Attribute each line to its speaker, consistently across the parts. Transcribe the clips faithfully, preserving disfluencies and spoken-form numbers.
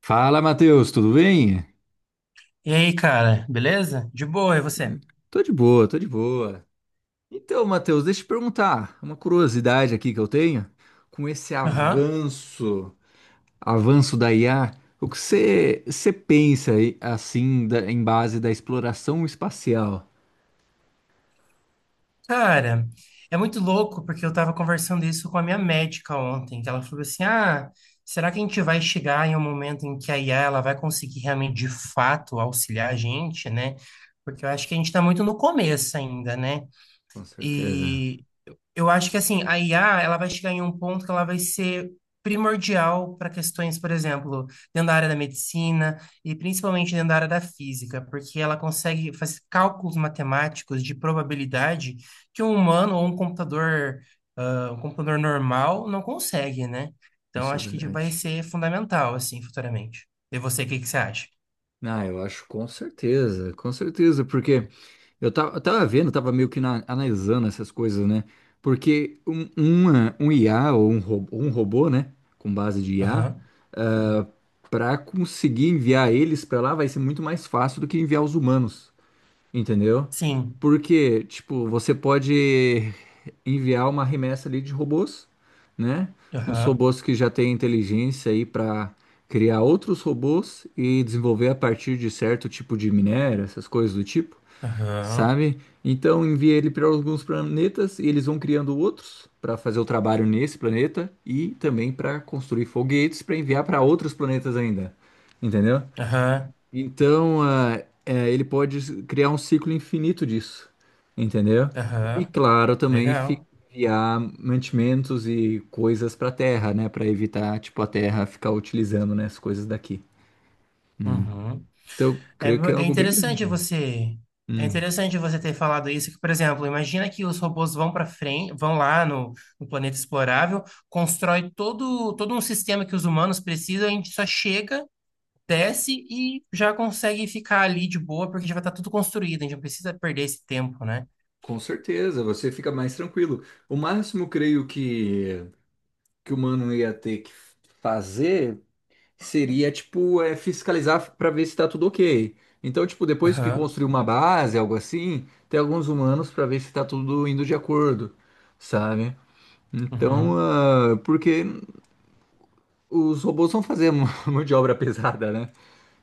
Speaker 1: Fala, Matheus, tudo bem?
Speaker 2: E aí, cara, beleza? De boa, e você?
Speaker 1: Tô de boa, tô de boa. Então, Matheus, deixa eu te perguntar, uma curiosidade aqui que eu tenho, com esse
Speaker 2: Aham.
Speaker 1: avanço, avanço da I A, o que você você pensa aí, assim, da- em base da exploração espacial?
Speaker 2: Cara, é muito louco porque eu tava conversando isso com a minha médica ontem, que ela falou assim: "Ah, será que a gente vai chegar em um momento em que a I A ela vai conseguir realmente de fato auxiliar a gente, né? Porque eu acho que a gente tá muito no começo ainda, né?"
Speaker 1: Com certeza,
Speaker 2: E Eu acho que assim, a I A, ela vai chegar em um ponto que ela vai ser primordial para questões, por exemplo, dentro da área da medicina e principalmente dentro da área da física, porque ela consegue fazer cálculos matemáticos de probabilidade que um humano ou um computador, ah, um computador normal não consegue, né? Então,
Speaker 1: isso é
Speaker 2: acho que vai
Speaker 1: verdade.
Speaker 2: ser fundamental, assim, futuramente. E você, o que que você acha?
Speaker 1: Ah, eu acho com certeza, com certeza, porque eu tava, eu tava vendo, eu tava meio que na- analisando essas coisas, né? Porque um, uma- um I A ou um, ro- um robô, né? Com base de I A,
Speaker 2: Aham.
Speaker 1: para conseguir enviar eles para lá vai ser muito mais fácil do que enviar os humanos, entendeu?
Speaker 2: Sim.
Speaker 1: Porque, tipo, você pode enviar uma remessa ali de robôs, né? Uns
Speaker 2: Aham.
Speaker 1: robôs que já têm inteligência aí para criar outros robôs e desenvolver a partir de certo tipo de minério, essas coisas do tipo,
Speaker 2: Aham.
Speaker 1: sabe? Então envia ele para alguns planetas e eles vão criando outros para fazer o trabalho nesse planeta e também para construir foguetes para enviar para outros planetas ainda, entendeu?
Speaker 2: Aham.
Speaker 1: Então ah, é, ele pode criar um ciclo infinito disso, entendeu? E
Speaker 2: Aham.
Speaker 1: claro, também fi-
Speaker 2: Legal.
Speaker 1: enviar mantimentos e coisas para a Terra, né? Para evitar tipo a Terra ficar utilizando, né, as coisas daqui. Hum. Então eu
Speaker 2: É,
Speaker 1: creio
Speaker 2: mu-
Speaker 1: que é
Speaker 2: é
Speaker 1: algo bem
Speaker 2: interessante
Speaker 1: grande.
Speaker 2: você, é
Speaker 1: Hum.
Speaker 2: interessante você ter falado isso, que, por exemplo, imagina que os robôs vão para frente, vão lá no, no planeta explorável, constrói todo, todo um sistema que os humanos precisam, a gente só chega, desce e já consegue ficar ali de boa, porque já vai estar tudo construído, a gente não precisa perder esse tempo, né?
Speaker 1: Com certeza, você fica mais tranquilo. O máximo, creio que, que o mano ia ter que fazer seria, tipo, é, fiscalizar para ver se tá tudo ok. Então, tipo, depois que
Speaker 2: Aham,
Speaker 1: construir uma base, algo assim, tem alguns humanos para ver se tá tudo indo de acordo, sabe? Então,
Speaker 2: uhum,
Speaker 1: ah, porque os robôs vão fazer mão de obra pesada, né?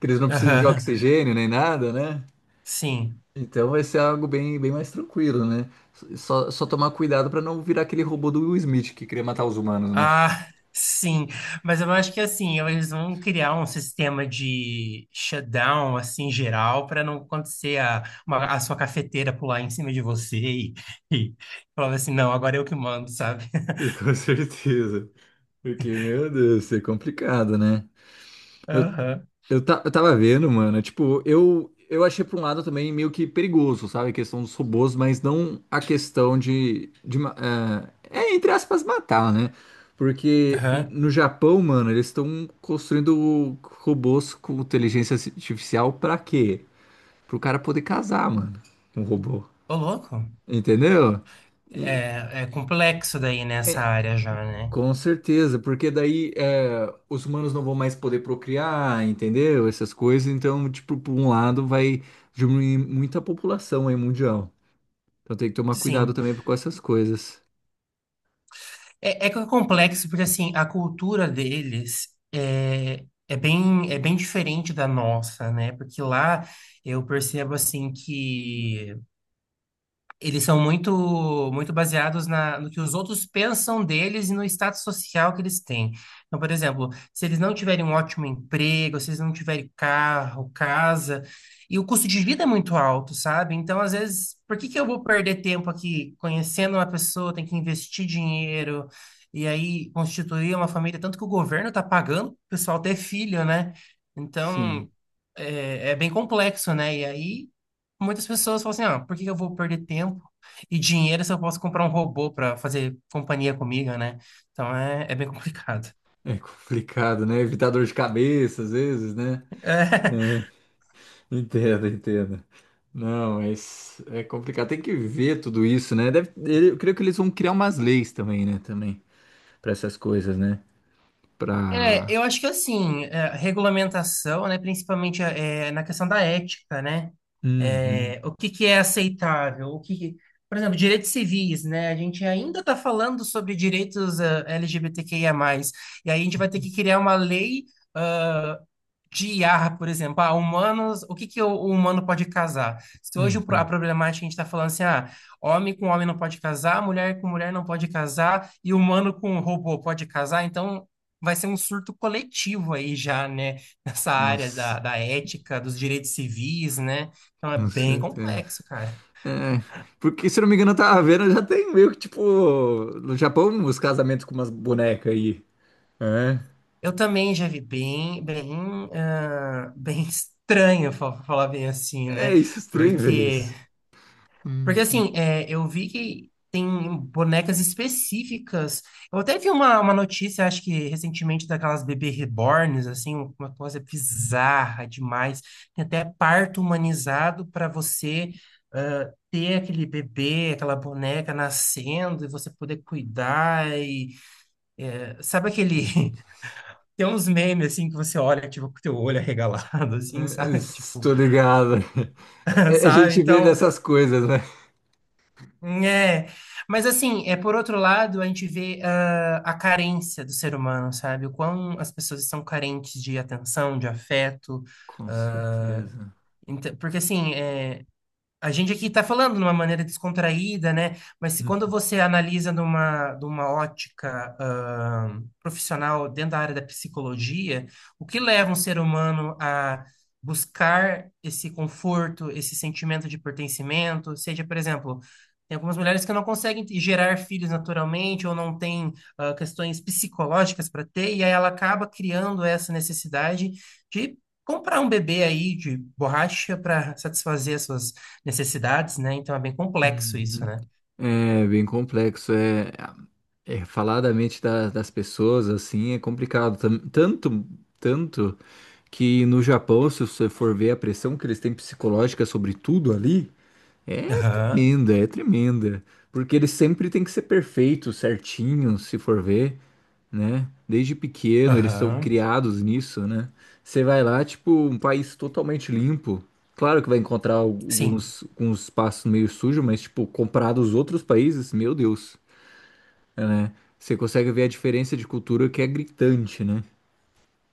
Speaker 1: Que eles não precisam de
Speaker 2: aham,
Speaker 1: oxigênio nem nada, né?
Speaker 2: sim.
Speaker 1: Então vai ser algo bem, bem mais tranquilo, né? Só, só tomar cuidado pra não virar aquele robô do Will Smith que queria matar os humanos, né?
Speaker 2: Ah, sim. Mas eu acho que assim, eles vão criar um sistema de shutdown assim geral para não acontecer a, uma- a sua cafeteira pular em cima de você e, e falar assim, não, agora eu que mando, sabe?
Speaker 1: Com certeza. Porque, meu Deus, isso é complicado, né? Eu,
Speaker 2: Aham.
Speaker 1: eu, ta- eu tava vendo, mano, tipo, eu, eu achei por um lado também meio que perigoso, sabe? A questão dos robôs, mas não a questão de, de ma- é, é, entre aspas, matar, né? Porque n-
Speaker 2: Aham.
Speaker 1: no Japão, mano, eles estão construindo robôs com inteligência artificial pra quê? Pro cara poder casar, mano, com o robô.
Speaker 2: Ô, louco.
Speaker 1: Entendeu? E-
Speaker 2: É, é complexo daí nessa
Speaker 1: é,
Speaker 2: área já, né?
Speaker 1: com certeza, porque daí é, os humanos não vão mais poder procriar, entendeu? Essas coisas, então, tipo, por um lado vai diminuir muita população aí mundial. Então tem que tomar cuidado
Speaker 2: Sim.
Speaker 1: também com essas coisas.
Speaker 2: É, é que é complexo, porque assim, a cultura deles é, é bem, é bem diferente da nossa, né? Porque lá eu percebo assim que eles são muito muito baseados na, no que os outros pensam deles e no status social que eles têm. Então, por exemplo, se eles não tiverem um ótimo emprego, se eles não tiverem carro, casa, e o custo de vida é muito alto, sabe? Então, às vezes, por que que eu vou perder tempo aqui conhecendo uma pessoa, tem que investir dinheiro e aí constituir uma família, tanto que o governo está pagando o pessoal ter filho, né?
Speaker 1: Sim,
Speaker 2: Então, é, é bem complexo, né? E aí muitas pessoas falam assim, ah, por que que eu vou perder tempo e dinheiro se eu posso comprar um robô para fazer companhia comigo, né? Então é, é bem complicado.
Speaker 1: é complicado, né? Evitar dor de cabeça às vezes, né? É, entendo, entendo. Não, mas é complicado. Tem que ver tudo isso, né? Deve- eu creio que eles vão criar umas leis também, né? Também, para essas coisas, né?
Speaker 2: É,
Speaker 1: Pra.
Speaker 2: eu acho que assim, é, regulamentação, né, principalmente é, é na questão da ética, né?
Speaker 1: Uhum,
Speaker 2: É, o que que é aceitável? O que, que- por exemplo, direitos civis, né? A gente ainda está falando sobre direitos ah, LGBTQIA+, e aí a gente vai ter que criar uma lei ah, de I A R, por exemplo. Ah, humanos, o que que o, o humano pode casar? Se hoje o pro- a
Speaker 1: uhum.
Speaker 2: problemática a gente está falando assim, ah, homem com homem não pode casar, mulher com mulher não pode casar, e humano com robô pode casar, então vai ser um surto coletivo aí já, né? Nessa
Speaker 1: Com,
Speaker 2: área
Speaker 1: c-
Speaker 2: da, da ética, dos direitos civis, né? Então é
Speaker 1: com
Speaker 2: bem
Speaker 1: certeza.
Speaker 2: complexo, cara.
Speaker 1: É, porque se não me engano, eu tava vendo, já tem meio que tipo. No Japão, os casamentos com umas bonecas aí. É.
Speaker 2: Eu também já vi bem, bem, ah, bem estranho, fa- falar bem assim,
Speaker 1: É
Speaker 2: né?
Speaker 1: isso, estranho, é
Speaker 2: Porque,
Speaker 1: isso. Hum.
Speaker 2: porque assim, é, eu vi que tem bonecas específicas. Eu até vi uma, uma notícia, acho que recentemente, daquelas bebê reborns, assim, um, uma coisa bizarra demais. Tem até parto humanizado para você. Ah, ter aquele bebê, aquela boneca nascendo e você poder cuidar e sabe aquele
Speaker 1: Uhum.
Speaker 2: Tem uns memes, assim, que você olha, tipo, com o teu olho arregalado, assim,
Speaker 1: É,
Speaker 2: sabe? Tipo,
Speaker 1: estou ligado. É, a
Speaker 2: sabe?
Speaker 1: gente vê
Speaker 2: Então,
Speaker 1: dessas coisas, né?
Speaker 2: hum, é... Mas, assim, é, por outro lado, a gente vê ah, a carência do ser humano, sabe? O quão as pessoas estão carentes de atenção, de afeto.
Speaker 1: Com
Speaker 2: ah,
Speaker 1: certeza.
Speaker 2: ent- porque, assim, é, a gente aqui está falando de uma maneira descontraída, né? Mas se
Speaker 1: Hum,
Speaker 2: quando você analisa numa, numa ótica, ah, profissional dentro da área da psicologia, o que leva um ser humano a buscar esse conforto, esse sentimento de pertencimento, seja, por exemplo, tem algumas mulheres que não conseguem te- gerar filhos naturalmente ou não têm, ah, questões psicológicas para ter, e aí ela acaba criando essa necessidade de comprar um bebê aí de borracha para satisfazer as suas necessidades, né? Então é bem complexo
Speaker 1: Uhum.
Speaker 2: isso, né?
Speaker 1: É bem complexo, é, é falar da mente da- das pessoas assim é complicado. Tam- tanto tanto que no Japão, se você for ver a pressão que eles têm psicológica sobre tudo ali, é
Speaker 2: Aham,
Speaker 1: tremenda, é tremenda, porque eles sempre têm que ser perfeitos, certinhos, se for ver, né? Desde pequeno eles são
Speaker 2: aham.
Speaker 1: criados nisso, né? Você vai lá, tipo, um país totalmente limpo. Claro que vai encontrar
Speaker 2: Sim.
Speaker 1: alguns, alguns espaços meio sujos, mas, tipo, comparado aos outros países, meu Deus, né? Você consegue ver a diferença de cultura que é gritante, né?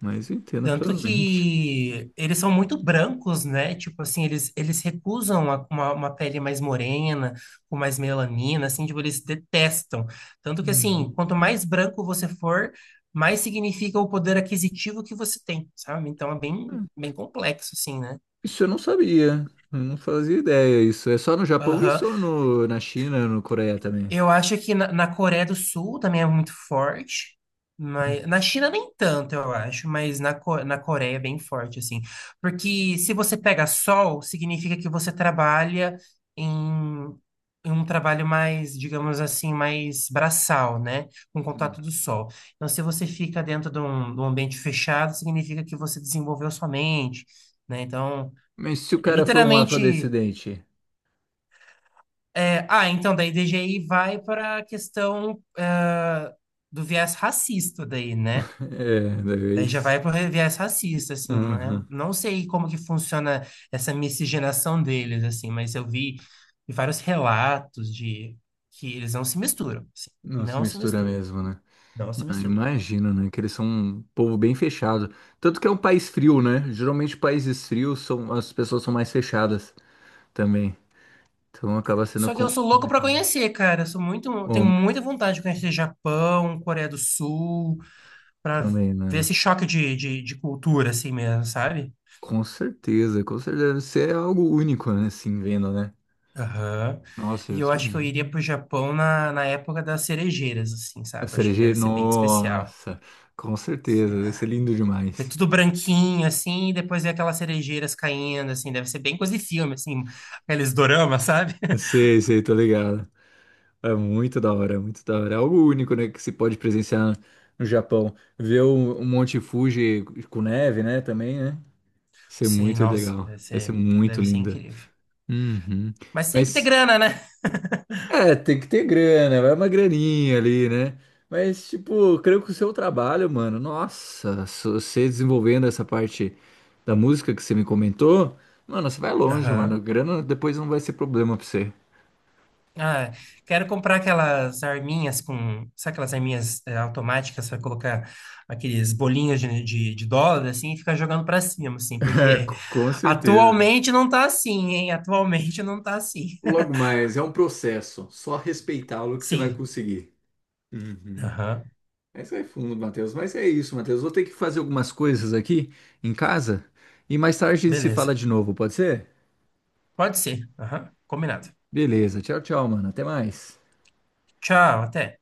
Speaker 1: Mas eu entendo
Speaker 2: Tanto
Speaker 1: plenamente.
Speaker 2: que eles são muito brancos, né? Tipo assim, eles, eles recusam a- uma, uma pele mais morena, com mais melanina, assim, tipo, eles detestam. Tanto que, assim,
Speaker 1: Uhum.
Speaker 2: quanto mais branco você for, mais significa o poder aquisitivo que você tem, sabe? Então é bem, bem complexo, assim, né?
Speaker 1: Isso eu não sabia. Eu não fazia ideia. Isso é só no Japão,
Speaker 2: Aham.
Speaker 1: isso ou no, na China, no Coreia também?
Speaker 2: Eu acho que na, na Coreia do Sul também é muito forte, mas na China nem tanto, eu acho, mas na, Co- na Coreia é bem forte, assim. Porque se você pega sol, significa que você trabalha em, em um trabalho mais, digamos assim, mais braçal, né? Com
Speaker 1: Uhum.
Speaker 2: contato do sol. Então, se você fica dentro de um, de um ambiente fechado, significa que você desenvolveu sua mente, né? Então,
Speaker 1: Mas se o
Speaker 2: é
Speaker 1: cara for um
Speaker 2: literalmente.
Speaker 1: afrodescendente?
Speaker 2: É, ah, então, daí D G I vai para a questão ah, do viés racista daí, né?
Speaker 1: É, da
Speaker 2: Daí já
Speaker 1: vez.
Speaker 2: vai para o viés racista, assim, né?
Speaker 1: Uhum.
Speaker 2: Não sei como que funciona essa miscigenação deles, assim, mas eu vi vários relatos de que eles não se misturam, assim,
Speaker 1: Não
Speaker 2: não se
Speaker 1: mistura
Speaker 2: misturam,
Speaker 1: mesmo, né?
Speaker 2: não se
Speaker 1: Ah,
Speaker 2: misturam.
Speaker 1: imagino, né? Que eles são um povo bem fechado. Tanto que é um país frio, né? Geralmente países frios são as pessoas são mais fechadas também. Então acaba sendo
Speaker 2: Só que
Speaker 1: com-
Speaker 2: eu sou louco para
Speaker 1: complicado.
Speaker 2: conhecer, cara. Eu sou muito, tenho
Speaker 1: Hum,
Speaker 2: muita vontade de conhecer Japão, Coreia do Sul, para
Speaker 1: também, né?
Speaker 2: ver
Speaker 1: Né?
Speaker 2: esse choque de, de, de cultura, assim mesmo, sabe?
Speaker 1: Com certeza, com certeza. Isso é algo único, né? Assim, vendo, né?
Speaker 2: Aham.
Speaker 1: Nossa, é
Speaker 2: E eu
Speaker 1: outro
Speaker 2: acho que eu
Speaker 1: mundo.
Speaker 2: iria pro Japão na, na época das cerejeiras, assim,
Speaker 1: A
Speaker 2: sabe? Eu acho que deve
Speaker 1: cerejeira,
Speaker 2: ser bem especial.
Speaker 1: nossa, com certeza. Deve ser lindo
Speaker 2: Ver
Speaker 1: demais.
Speaker 2: tudo branquinho, assim, e depois ver aquelas cerejeiras caindo, assim, deve ser bem coisa de filme, assim, aqueles doramas, sabe?
Speaker 1: Eu sei, sei, tô ligado. É muito da hora, é muito da hora. É algo único, né, que se pode presenciar no Japão. Ver o um Monte Fuji com neve, né, também, né? Isso é
Speaker 2: Sim,
Speaker 1: muito
Speaker 2: nossa,
Speaker 1: legal.
Speaker 2: deve
Speaker 1: Vai ser
Speaker 2: ser,
Speaker 1: muito
Speaker 2: deve ser
Speaker 1: linda.
Speaker 2: incrível.
Speaker 1: Uhum.
Speaker 2: Mas tem que ter
Speaker 1: Mas,
Speaker 2: grana, né?
Speaker 1: é, tem que ter grana, vai uma graninha ali, né? Mas, tipo, creio que o seu trabalho, mano, nossa, se você desenvolvendo essa parte da música que você me comentou, mano, você vai longe, mano.
Speaker 2: Aham.
Speaker 1: Grana depois não vai ser problema pra você.
Speaker 2: Ah, quero comprar aquelas arminhas com. Sabe aquelas arminhas eh, automáticas para colocar aqueles bolinhos de, de, de dólar, assim, e ficar jogando para cima, assim,
Speaker 1: É,
Speaker 2: porque
Speaker 1: com certeza.
Speaker 2: atualmente não tá assim, hein? Atualmente não tá assim.
Speaker 1: Logo mais, é um processo. Só respeitá-lo que você vai
Speaker 2: Sim.
Speaker 1: conseguir. Uhum.
Speaker 2: Aham.
Speaker 1: Mas vai fundo, Matheus. Mas é isso, Matheus. Vou ter que fazer algumas coisas aqui em casa e mais tarde a gente se
Speaker 2: Beleza.
Speaker 1: fala de novo, pode ser?
Speaker 2: Pode ser. Aham. Combinado.
Speaker 1: Beleza. Tchau, tchau, mano. Até mais.
Speaker 2: Tchau, até.